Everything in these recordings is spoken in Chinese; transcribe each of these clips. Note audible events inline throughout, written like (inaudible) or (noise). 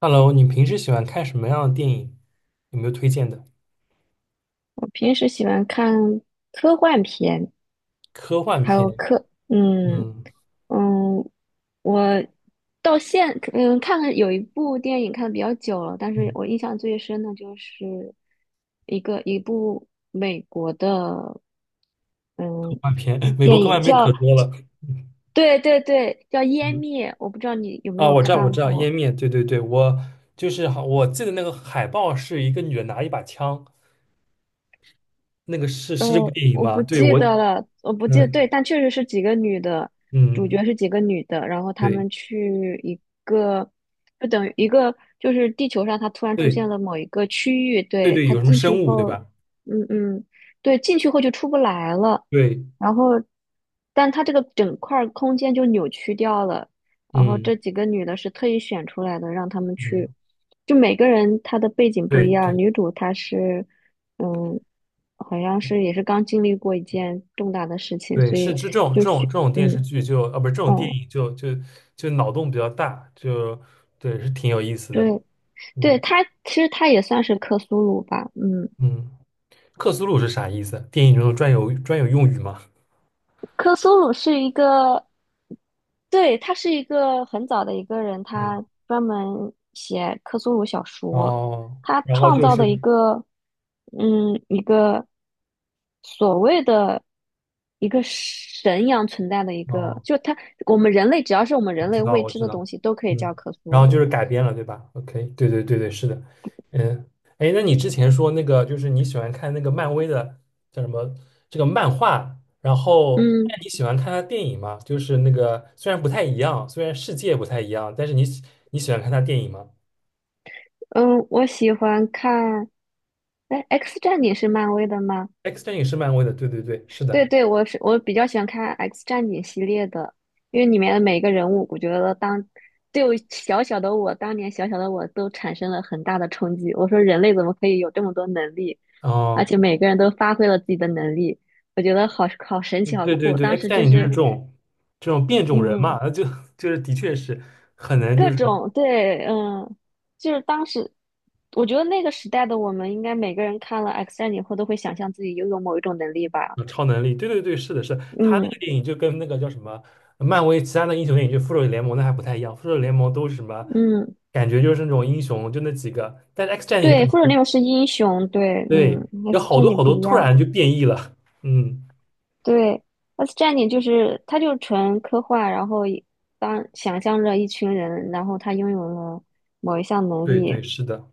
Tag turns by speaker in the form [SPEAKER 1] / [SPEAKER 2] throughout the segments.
[SPEAKER 1] Hello，你平时喜欢看什么样的电影？有没有推荐的？
[SPEAKER 2] 我平时喜欢看科幻片，
[SPEAKER 1] 科幻
[SPEAKER 2] 还
[SPEAKER 1] 片，
[SPEAKER 2] 有科，
[SPEAKER 1] 嗯
[SPEAKER 2] 嗯，我到现嗯看了有一部电影看的比较久了，但是
[SPEAKER 1] 嗯，
[SPEAKER 2] 我印象最深的就是一部美国的
[SPEAKER 1] 科
[SPEAKER 2] 嗯
[SPEAKER 1] 幻片，(laughs) 美国
[SPEAKER 2] 电
[SPEAKER 1] 科
[SPEAKER 2] 影
[SPEAKER 1] 幻片可
[SPEAKER 2] 叫，
[SPEAKER 1] 多了。
[SPEAKER 2] 对对对，叫《湮
[SPEAKER 1] 嗯
[SPEAKER 2] 灭》，我不知道你有没
[SPEAKER 1] 啊，
[SPEAKER 2] 有
[SPEAKER 1] 我知道，我
[SPEAKER 2] 看
[SPEAKER 1] 知道，
[SPEAKER 2] 过。
[SPEAKER 1] 《湮灭》，对对对，我就是好，我记得那个海报是一个女的拿一把枪，那个是
[SPEAKER 2] 呃，
[SPEAKER 1] 是这部电影
[SPEAKER 2] 我
[SPEAKER 1] 吗？
[SPEAKER 2] 不
[SPEAKER 1] 对，
[SPEAKER 2] 记
[SPEAKER 1] 我，
[SPEAKER 2] 得了，我不记得，
[SPEAKER 1] 嗯
[SPEAKER 2] 对，但确实是几个女的，主
[SPEAKER 1] 嗯，
[SPEAKER 2] 角是几个女的，然后她
[SPEAKER 1] 对
[SPEAKER 2] 们去一个，就等于一个，就是地球上它突然出现
[SPEAKER 1] 对
[SPEAKER 2] 了某一个区域，
[SPEAKER 1] 对
[SPEAKER 2] 对，
[SPEAKER 1] 对，
[SPEAKER 2] 它
[SPEAKER 1] 有什么
[SPEAKER 2] 进去
[SPEAKER 1] 生物对
[SPEAKER 2] 后，
[SPEAKER 1] 吧？
[SPEAKER 2] 嗯嗯，对，进去后就出不来了，
[SPEAKER 1] 对，
[SPEAKER 2] 然后，但它这个整块儿空间就扭曲掉了。然后
[SPEAKER 1] 嗯
[SPEAKER 2] 这几个女的是特意选出来的，让她们去，
[SPEAKER 1] 嗯，
[SPEAKER 2] 就每个人她的背景不
[SPEAKER 1] 对
[SPEAKER 2] 一样。
[SPEAKER 1] 对，
[SPEAKER 2] 女主她是，嗯，好像是也是刚经历过一件重大的事情，
[SPEAKER 1] 对，
[SPEAKER 2] 所
[SPEAKER 1] 是
[SPEAKER 2] 以
[SPEAKER 1] 这这种这
[SPEAKER 2] 就
[SPEAKER 1] 种
[SPEAKER 2] 去，
[SPEAKER 1] 这种电视剧就啊，不是这种电
[SPEAKER 2] 哦，
[SPEAKER 1] 影就脑洞比较大，就对，是挺有意思的。
[SPEAKER 2] 对对，
[SPEAKER 1] 嗯
[SPEAKER 2] 她其实她也算是克苏鲁吧，嗯。
[SPEAKER 1] 嗯，克苏鲁是啥意思？电影中专有用语吗？
[SPEAKER 2] 克苏鲁是一个，对，他是一个很早的一个人，
[SPEAKER 1] 嗯
[SPEAKER 2] 他专门写克苏鲁小说，
[SPEAKER 1] 哦，
[SPEAKER 2] 他
[SPEAKER 1] 然后
[SPEAKER 2] 创
[SPEAKER 1] 就
[SPEAKER 2] 造的一
[SPEAKER 1] 是
[SPEAKER 2] 个，一个所谓的一个神一样存在的一个，
[SPEAKER 1] 哦。
[SPEAKER 2] 就他，我们人类只要是我们
[SPEAKER 1] 我
[SPEAKER 2] 人
[SPEAKER 1] 知
[SPEAKER 2] 类
[SPEAKER 1] 道，
[SPEAKER 2] 未
[SPEAKER 1] 我
[SPEAKER 2] 知
[SPEAKER 1] 知
[SPEAKER 2] 的东
[SPEAKER 1] 道，
[SPEAKER 2] 西，都可以
[SPEAKER 1] 嗯，
[SPEAKER 2] 叫克苏
[SPEAKER 1] 然后就
[SPEAKER 2] 鲁。
[SPEAKER 1] 是改编了，对吧？OK，对对对对，是的，嗯，哎，那你之前说那个就是你喜欢看那个漫威的叫什么这个漫画，然后
[SPEAKER 2] 嗯
[SPEAKER 1] 那你喜欢看他电影吗？就是那个虽然不太一样，虽然世界不太一样，但是你喜欢看他电影吗
[SPEAKER 2] 嗯，我喜欢看，哎，《X 战警》是漫威的吗？
[SPEAKER 1] ？X 战警是漫威的，对对对，是
[SPEAKER 2] 对
[SPEAKER 1] 的，
[SPEAKER 2] 对，我比较喜欢看《X 战警》系列的，因为里面的每个人物，我觉得当对，我小小的我，当年小小的我都产生了很大的冲击。我说人类怎么可以有这么多能力，而且
[SPEAKER 1] 哦，
[SPEAKER 2] 每个人都发挥了自己的能力，我觉得好好神奇，
[SPEAKER 1] 嗯
[SPEAKER 2] 好
[SPEAKER 1] 对对
[SPEAKER 2] 酷。
[SPEAKER 1] 对
[SPEAKER 2] 当
[SPEAKER 1] ，X
[SPEAKER 2] 时
[SPEAKER 1] 战
[SPEAKER 2] 就
[SPEAKER 1] 警就是
[SPEAKER 2] 是
[SPEAKER 1] 这种变种人
[SPEAKER 2] 嗯，
[SPEAKER 1] 嘛，那就 (laughs) 就是的确是很难就
[SPEAKER 2] 各
[SPEAKER 1] 是。
[SPEAKER 2] 种对，就是当时我觉得那个时代的我们，应该每个人看了《X 战警》后都会想象自己拥有某一种能力吧。
[SPEAKER 1] 超能力，对对对，是的是的，他那个
[SPEAKER 2] 嗯
[SPEAKER 1] 电影就跟那个叫什么漫威其他的英雄电影，就复仇者联盟那还不太一样，复仇者联盟都是什么，
[SPEAKER 2] 嗯。
[SPEAKER 1] 感觉就是那种英雄就那几个，但是 X 战警就
[SPEAKER 2] 对，
[SPEAKER 1] 感
[SPEAKER 2] 复仇者
[SPEAKER 1] 觉
[SPEAKER 2] 联盟是英雄，对，嗯
[SPEAKER 1] 对，有
[SPEAKER 2] ，X
[SPEAKER 1] 好
[SPEAKER 2] 战
[SPEAKER 1] 多
[SPEAKER 2] 警
[SPEAKER 1] 好
[SPEAKER 2] 不
[SPEAKER 1] 多
[SPEAKER 2] 一
[SPEAKER 1] 突
[SPEAKER 2] 样，
[SPEAKER 1] 然就变异了，嗯，
[SPEAKER 2] 对，X 战警就是它就纯科幻，然后当想象着一群人，然后他拥有了某一项能
[SPEAKER 1] 对对，
[SPEAKER 2] 力，
[SPEAKER 1] 是的，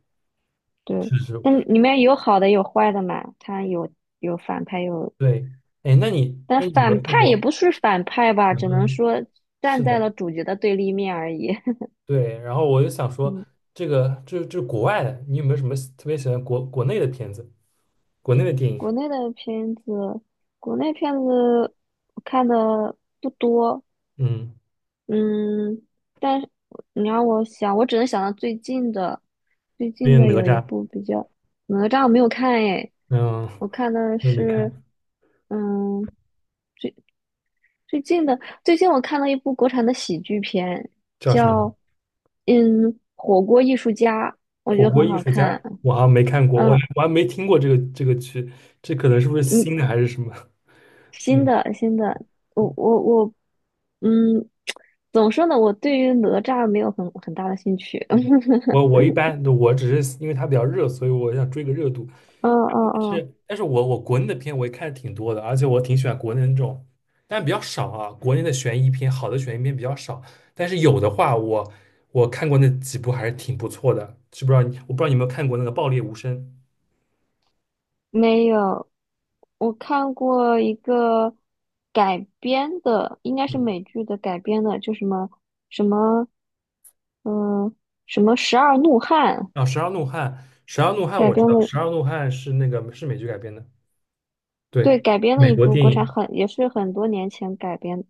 [SPEAKER 2] 对，
[SPEAKER 1] 是是，
[SPEAKER 2] 但里面有好的有坏的嘛，他有反派，
[SPEAKER 1] 对，哎，那你
[SPEAKER 2] 但
[SPEAKER 1] 那你有没
[SPEAKER 2] 反
[SPEAKER 1] 有看
[SPEAKER 2] 派也
[SPEAKER 1] 过？
[SPEAKER 2] 不是反派吧，只能
[SPEAKER 1] 嗯，
[SPEAKER 2] 说
[SPEAKER 1] 是
[SPEAKER 2] 站在
[SPEAKER 1] 的，
[SPEAKER 2] 了主角的对立面而已。(laughs)
[SPEAKER 1] 对，然后我就想说，
[SPEAKER 2] 嗯，
[SPEAKER 1] 这个这国外的，你有没有什么特别喜欢国内的片子，国内的电影？
[SPEAKER 2] 国内的片子，国内片子我看的不多，
[SPEAKER 1] 嗯，
[SPEAKER 2] 嗯，但是你让我想，我只能想到最近的，
[SPEAKER 1] 那个哪
[SPEAKER 2] 有一
[SPEAKER 1] 吒，
[SPEAKER 2] 部哪吒我没有看诶，
[SPEAKER 1] 嗯，
[SPEAKER 2] 我看的
[SPEAKER 1] 又没
[SPEAKER 2] 是，
[SPEAKER 1] 看。
[SPEAKER 2] 嗯，最近的最近我看了一部国产的喜剧片，
[SPEAKER 1] 叫什么
[SPEAKER 2] 叫火锅艺术家，我
[SPEAKER 1] 火
[SPEAKER 2] 觉得
[SPEAKER 1] 锅
[SPEAKER 2] 很
[SPEAKER 1] 艺
[SPEAKER 2] 好
[SPEAKER 1] 术家，
[SPEAKER 2] 看。
[SPEAKER 1] 我好像没看过，我还
[SPEAKER 2] 嗯，
[SPEAKER 1] 我还没听过这个剧，这可能是不是
[SPEAKER 2] 嗯，
[SPEAKER 1] 新的还是什么？
[SPEAKER 2] 新
[SPEAKER 1] 嗯，
[SPEAKER 2] 的新的，我我我，嗯，(tsk) 怎么说呢？我对于哪吒没有很大的兴趣。(laughs) 嗯
[SPEAKER 1] 我一般我只是因为它比较热，所以我想追个热度。
[SPEAKER 2] 嗯
[SPEAKER 1] 但
[SPEAKER 2] 嗯。
[SPEAKER 1] 是但是我国内的片我也看的挺多的，而且我挺喜欢国内的那种，但比较少啊。国内的悬疑片，好的悬疑片比较少，但是有的话我看过那几部还是挺不错的。知不知道你我不知道你有没有看过那个《爆裂无声》？
[SPEAKER 2] 没有，我看过一个改编的，应该是
[SPEAKER 1] 嗯，
[SPEAKER 2] 美剧的改编的，就什么什么，嗯、《十二怒汉》
[SPEAKER 1] 啊，《十二怒汉》，《十二怒汉》
[SPEAKER 2] 改
[SPEAKER 1] 我知
[SPEAKER 2] 编
[SPEAKER 1] 道，
[SPEAKER 2] 的，
[SPEAKER 1] 《十二怒汉》是那个是美剧改编的。
[SPEAKER 2] 对，
[SPEAKER 1] 对，
[SPEAKER 2] 改编的
[SPEAKER 1] 美
[SPEAKER 2] 一
[SPEAKER 1] 国
[SPEAKER 2] 部
[SPEAKER 1] 电
[SPEAKER 2] 国产
[SPEAKER 1] 影，
[SPEAKER 2] 很，也是很多年前改编，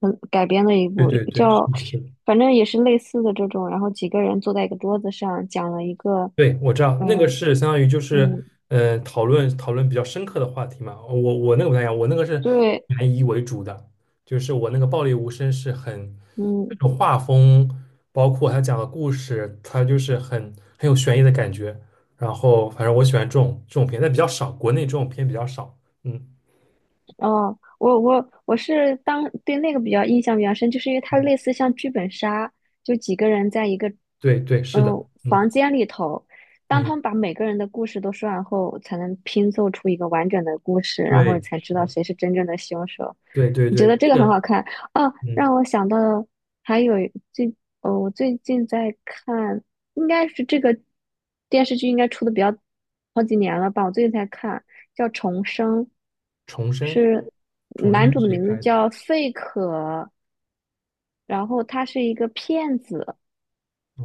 [SPEAKER 2] 很改编的一
[SPEAKER 1] 对
[SPEAKER 2] 部
[SPEAKER 1] 对对，是
[SPEAKER 2] 叫，
[SPEAKER 1] 的，是的，
[SPEAKER 2] 反正也是类似的这种，然后几个人坐在一个桌子上，讲了一个，
[SPEAKER 1] 对，我知道那个
[SPEAKER 2] 嗯
[SPEAKER 1] 是相当于就
[SPEAKER 2] 嗯，
[SPEAKER 1] 是，讨论讨论比较深刻的话题嘛。我那个不太一样，我那个是
[SPEAKER 2] 对，
[SPEAKER 1] 悬疑为主的，就是我那个《暴力无声》是很那
[SPEAKER 2] 嗯。
[SPEAKER 1] 种画风，包括他讲的故事，他就是很有悬疑的感觉。然后反正我喜欢这种片，但比较少，国内这种片比较少。嗯，
[SPEAKER 2] 哦，我是对那个比较印象比较深，就是因为它类似像剧本杀，就几个人在一个
[SPEAKER 1] 对对，是的，嗯
[SPEAKER 2] 房间里头，当
[SPEAKER 1] 嗯，
[SPEAKER 2] 他们把每个人的故事都说完后，才能拼凑出一个完整的故事，然后你
[SPEAKER 1] 对，
[SPEAKER 2] 才知
[SPEAKER 1] 是
[SPEAKER 2] 道
[SPEAKER 1] 的，
[SPEAKER 2] 谁是真正的凶手。
[SPEAKER 1] 对对
[SPEAKER 2] 你觉
[SPEAKER 1] 对，
[SPEAKER 2] 得这
[SPEAKER 1] 这
[SPEAKER 2] 个很
[SPEAKER 1] 个
[SPEAKER 2] 好看啊，让
[SPEAKER 1] 嗯。
[SPEAKER 2] 我想到还有最哦，我最近在看。应该是这个电视剧应该出的比较好几年了吧，我最近才看，叫《重生》，
[SPEAKER 1] 重生，
[SPEAKER 2] 是
[SPEAKER 1] 重
[SPEAKER 2] 男
[SPEAKER 1] 生
[SPEAKER 2] 主
[SPEAKER 1] 是
[SPEAKER 2] 的
[SPEAKER 1] 谁
[SPEAKER 2] 名字
[SPEAKER 1] 拍的？
[SPEAKER 2] 叫费可，然后他是一个骗子，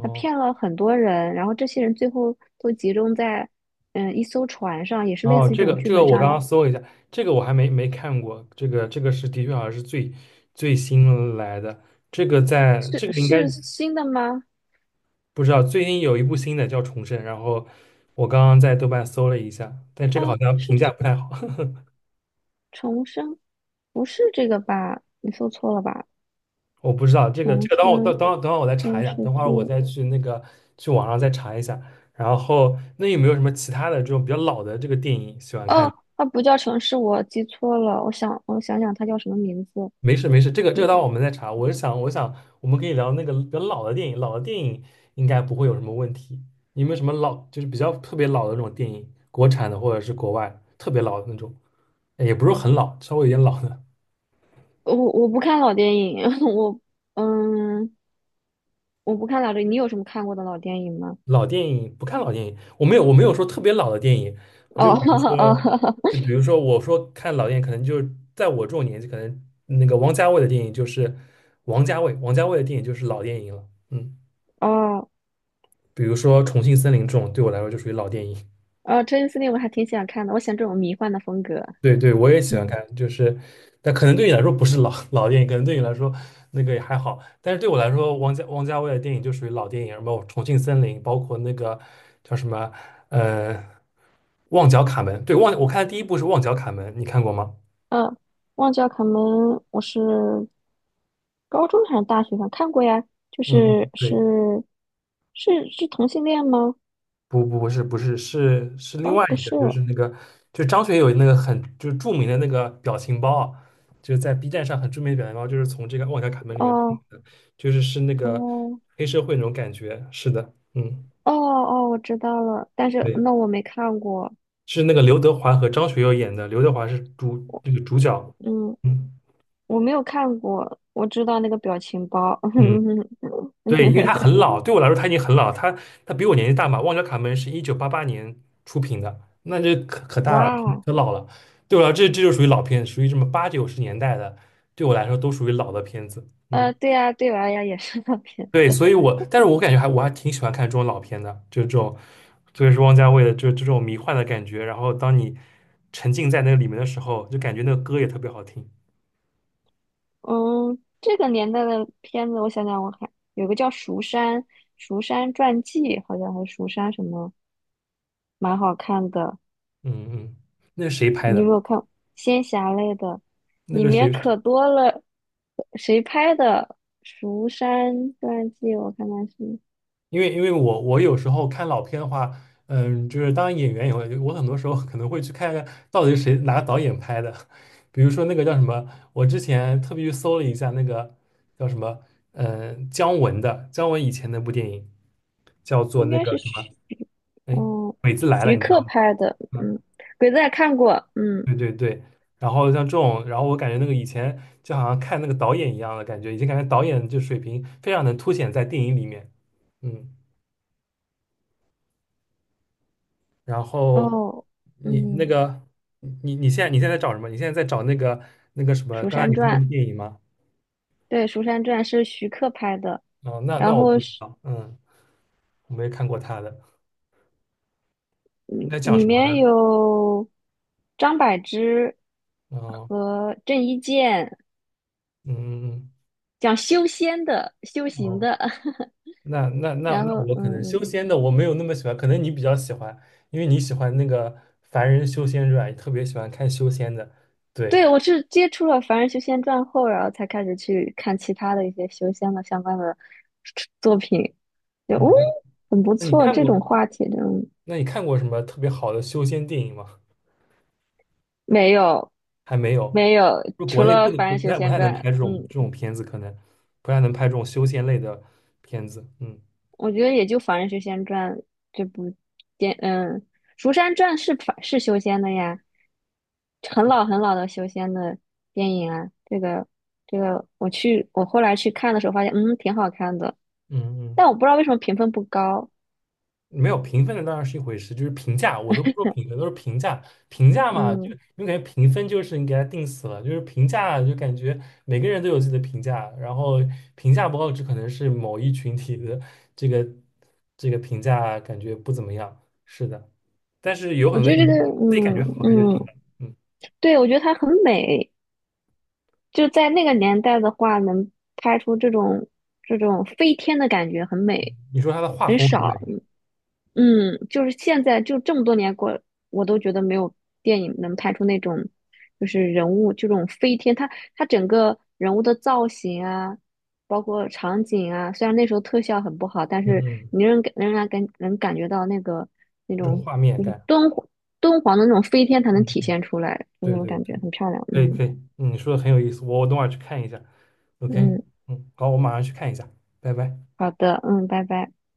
[SPEAKER 2] 他骗了很多人，然后这些人最后都集中在一艘船上，也是类
[SPEAKER 1] 哦，
[SPEAKER 2] 似于
[SPEAKER 1] 这
[SPEAKER 2] 这种
[SPEAKER 1] 个
[SPEAKER 2] 剧
[SPEAKER 1] 这个
[SPEAKER 2] 本
[SPEAKER 1] 我
[SPEAKER 2] 杀
[SPEAKER 1] 刚
[SPEAKER 2] 的，
[SPEAKER 1] 刚搜了一下，这个我还没看过，这个是的确好像是最新来的，这个在
[SPEAKER 2] 是
[SPEAKER 1] 这个应该
[SPEAKER 2] 是新的吗？
[SPEAKER 1] 不知道，最近有一部新的叫《重生》，然后我刚刚在豆瓣搜了一下，但这
[SPEAKER 2] 他
[SPEAKER 1] 个好像评
[SPEAKER 2] 是
[SPEAKER 1] 价不太好，(laughs)
[SPEAKER 2] 重生，不是这个吧？你搜错了吧？
[SPEAKER 1] 我不知道这个这
[SPEAKER 2] 重
[SPEAKER 1] 个等会我
[SPEAKER 2] 生
[SPEAKER 1] 等等会等会我再查一
[SPEAKER 2] 电
[SPEAKER 1] 下，
[SPEAKER 2] 视
[SPEAKER 1] 等会儿我
[SPEAKER 2] 剧。
[SPEAKER 1] 再去那个去网上再查一下，然后那有没有什么其他的这种比较老的这个电影喜欢看？
[SPEAKER 2] 哦，它不叫城市，我记错了。我想，我想想，它叫什么名字？
[SPEAKER 1] 没事没事，这个这
[SPEAKER 2] 你
[SPEAKER 1] 个待会儿我们再查。我是想，我想我们可以聊那个比较老的电影，老的电影应该不会有什么问题。有没有什么老，就是比较特别老的那种电影，国产的或者是国外特别老的那种，也不是很老，稍微有点老的
[SPEAKER 2] 我不看老电影，(laughs) 我嗯，我不看老电影。你有什么看过的老电影吗？
[SPEAKER 1] 老电影。不看老电影，我没有说特别老的电影，就
[SPEAKER 2] 哦
[SPEAKER 1] 比如
[SPEAKER 2] (laughs) 哦
[SPEAKER 1] 说，我说看老电影，可能就是在我这种年纪，可能那个王家卫的电影就是王家卫的电影就是老电影了。嗯，
[SPEAKER 2] 哦
[SPEAKER 1] 比如说《重庆森林》这种，对我来说就属于老电影。
[SPEAKER 2] 哦，《真丝令》我还挺想看的，我喜欢这种迷幻的风格。
[SPEAKER 1] 对对，我也喜欢
[SPEAKER 2] 嗯
[SPEAKER 1] 看，就是，但可能对你来说不是老电影，可能对你来说那个也还好，但是对我来说，王家卫的电影就属于老电影，什么《重庆森林》，包括那个叫什么，呃，《旺角卡门》。对，我看的第一部是《旺角卡门》，你看过吗？
[SPEAKER 2] 嗯，忘记了卡门，我是高中还是大学上看过呀？就
[SPEAKER 1] 嗯，
[SPEAKER 2] 是是
[SPEAKER 1] 对。
[SPEAKER 2] 是是同性恋吗？
[SPEAKER 1] 不是另
[SPEAKER 2] 哦，
[SPEAKER 1] 外
[SPEAKER 2] 不
[SPEAKER 1] 一个，
[SPEAKER 2] 是，
[SPEAKER 1] 就是
[SPEAKER 2] 哦
[SPEAKER 1] 那个就张学友那个很就是著名的那个表情包啊，就是在 B 站上很著名的表情包，就是从这个《旺角卡门》里面出来的，就是那个
[SPEAKER 2] 哦。
[SPEAKER 1] 黑社会那种感觉。是的，嗯，
[SPEAKER 2] 哦哦，我知道了，但是
[SPEAKER 1] 对，
[SPEAKER 2] 那我没看过，
[SPEAKER 1] 是那个刘德华和张学友演的，刘德华是那个主角。
[SPEAKER 2] 嗯，
[SPEAKER 1] 嗯
[SPEAKER 2] 我没有看过，我知道那个表情包，
[SPEAKER 1] 嗯，对，因为他很
[SPEAKER 2] (laughs)
[SPEAKER 1] 老，对我来说他已经很老，他比我年纪大嘛。旺角卡门是1988年出品的，那这可大了，
[SPEAKER 2] 哇，
[SPEAKER 1] 可老了。对我来说，这就属于老片，属于什么八九十年代的，对我来说都属于老的片子。嗯，
[SPEAKER 2] 对呀，对娃呀，也是那片
[SPEAKER 1] 对，
[SPEAKER 2] 子，
[SPEAKER 1] 所以我，但是我感觉还我还挺喜欢看这种老片的，就这种，特别是汪家卫的就这种迷幻的感觉。然后当你沉浸在那个里面的时候，就感觉那个歌也特别好听。
[SPEAKER 2] (laughs) 嗯，这个年代的片子，我想想，我还有个叫《蜀山传记》，好像还是蜀山什么，蛮好看的，
[SPEAKER 1] 嗯嗯，那是谁拍
[SPEAKER 2] 你有没
[SPEAKER 1] 的？
[SPEAKER 2] 有看仙侠类的？
[SPEAKER 1] 那
[SPEAKER 2] 里
[SPEAKER 1] 个
[SPEAKER 2] 面
[SPEAKER 1] 谁？
[SPEAKER 2] 可多了，谁拍的《蜀山传记》？我看看是。
[SPEAKER 1] 因为我有时候看老片的话，嗯，就是当演员以后，我很多时候可能会去看看到底是谁哪个导演拍的，(laughs) 比如说那个叫什么，我之前特别去搜了一下那个叫什么，嗯，姜文以前那部电影叫做
[SPEAKER 2] 应
[SPEAKER 1] 那
[SPEAKER 2] 该
[SPEAKER 1] 个
[SPEAKER 2] 是
[SPEAKER 1] 什么，
[SPEAKER 2] 徐，
[SPEAKER 1] 哎，
[SPEAKER 2] 哦，
[SPEAKER 1] 鬼子来了，
[SPEAKER 2] 徐
[SPEAKER 1] 你知
[SPEAKER 2] 克
[SPEAKER 1] 道吗？
[SPEAKER 2] 拍的，
[SPEAKER 1] 嗯，
[SPEAKER 2] 嗯，鬼子也看过，嗯，
[SPEAKER 1] 对对对。然后像这种，然后我感觉那个以前就好像看那个导演一样的感觉，已经感觉导演就水平非常能凸显在电影里面，嗯。然后
[SPEAKER 2] 哦，
[SPEAKER 1] 你那
[SPEAKER 2] 嗯，
[SPEAKER 1] 个你现在在找什么？你现在在找那个什么？
[SPEAKER 2] 《蜀
[SPEAKER 1] 刚才你
[SPEAKER 2] 山
[SPEAKER 1] 说
[SPEAKER 2] 传》，
[SPEAKER 1] 的电影吗？
[SPEAKER 2] 对，《蜀山传》是徐克拍的，
[SPEAKER 1] 哦，那
[SPEAKER 2] 然
[SPEAKER 1] 我不
[SPEAKER 2] 后
[SPEAKER 1] 知道，嗯，我没看过他的，你
[SPEAKER 2] 嗯
[SPEAKER 1] 在讲
[SPEAKER 2] 里
[SPEAKER 1] 什么
[SPEAKER 2] 面
[SPEAKER 1] 呢？
[SPEAKER 2] 有张柏芝
[SPEAKER 1] 哦，
[SPEAKER 2] 和郑伊健，
[SPEAKER 1] 嗯，
[SPEAKER 2] 讲修仙的、修行
[SPEAKER 1] 哦，
[SPEAKER 2] 的，(laughs)
[SPEAKER 1] 那那那
[SPEAKER 2] 然
[SPEAKER 1] 那
[SPEAKER 2] 后，
[SPEAKER 1] 我可能
[SPEAKER 2] 嗯
[SPEAKER 1] 修
[SPEAKER 2] 嗯。
[SPEAKER 1] 仙的我没有那么喜欢，可能你比较喜欢，因为你喜欢那个凡人修仙传，你特别喜欢看修仙的，对，
[SPEAKER 2] 对，我是接触了《凡人修仙传》后，然后才开始去看其他的一些修仙的相关的作品，就哦，
[SPEAKER 1] 嗯，
[SPEAKER 2] 很不
[SPEAKER 1] 那你
[SPEAKER 2] 错。
[SPEAKER 1] 看
[SPEAKER 2] 这种
[SPEAKER 1] 过
[SPEAKER 2] 话题真
[SPEAKER 1] 那你看过什么特别好的修仙电影吗？
[SPEAKER 2] 没有
[SPEAKER 1] 还没有，
[SPEAKER 2] 没有，
[SPEAKER 1] 就国
[SPEAKER 2] 除
[SPEAKER 1] 内不
[SPEAKER 2] 了
[SPEAKER 1] 能
[SPEAKER 2] 《凡
[SPEAKER 1] 不
[SPEAKER 2] 人修
[SPEAKER 1] 太不
[SPEAKER 2] 仙
[SPEAKER 1] 太能
[SPEAKER 2] 传》，
[SPEAKER 1] 拍这种
[SPEAKER 2] 嗯，
[SPEAKER 1] 这种片子，可能不太能拍这种修仙类的片子。嗯
[SPEAKER 2] 我觉得也就《凡人修仙传》这部电，嗯，《蜀山传》是凡是修仙的呀，很老很老的修仙的电影啊。这个这个，我后来去看的时候发现，挺好看的，
[SPEAKER 1] 嗯
[SPEAKER 2] 但
[SPEAKER 1] 嗯，
[SPEAKER 2] 我不知道为什么评分不高。
[SPEAKER 1] 没有评分的当然是一回事，就是评价，我都不说评分，都是评价。评价嘛，就
[SPEAKER 2] 嗯，
[SPEAKER 1] 因为感觉评分就是你给它定死了，就是评价就感觉每个人都有自己的评价，然后评价不好，只可能是某一群体的这个这个评价感觉不怎么样。是的，但是有
[SPEAKER 2] 我
[SPEAKER 1] 很多
[SPEAKER 2] 觉得这个，
[SPEAKER 1] 你自己感
[SPEAKER 2] 嗯
[SPEAKER 1] 觉好看就行
[SPEAKER 2] 嗯，
[SPEAKER 1] 了。嗯，
[SPEAKER 2] 对，我觉得它很美，就在那个年代的话，能拍出这种飞天的感觉，很美，
[SPEAKER 1] 你说它的画
[SPEAKER 2] 很
[SPEAKER 1] 风很
[SPEAKER 2] 少。
[SPEAKER 1] 美。
[SPEAKER 2] 嗯嗯，就是现在就这么多年过，我都觉得没有电影能拍出那种，就是人物就这种飞天，它整个人物的造型啊，包括场景啊，虽然那时候特效很不好，但
[SPEAKER 1] 嗯
[SPEAKER 2] 是
[SPEAKER 1] 嗯，
[SPEAKER 2] 你仍然能感觉到那个那
[SPEAKER 1] 这种
[SPEAKER 2] 种
[SPEAKER 1] 画面
[SPEAKER 2] 就是
[SPEAKER 1] 感，
[SPEAKER 2] 敦煌的那种飞天才能
[SPEAKER 1] 嗯
[SPEAKER 2] 体
[SPEAKER 1] 嗯，
[SPEAKER 2] 现出来，就
[SPEAKER 1] 对
[SPEAKER 2] 那种
[SPEAKER 1] 对
[SPEAKER 2] 感觉
[SPEAKER 1] 对，
[SPEAKER 2] 很漂亮。
[SPEAKER 1] 可以
[SPEAKER 2] 嗯
[SPEAKER 1] 可以，嗯你说的很有意思，我等会儿去看一下。OK，
[SPEAKER 2] 嗯，
[SPEAKER 1] 嗯，好，我马上去看一下，拜拜。
[SPEAKER 2] 好的，嗯，拜拜。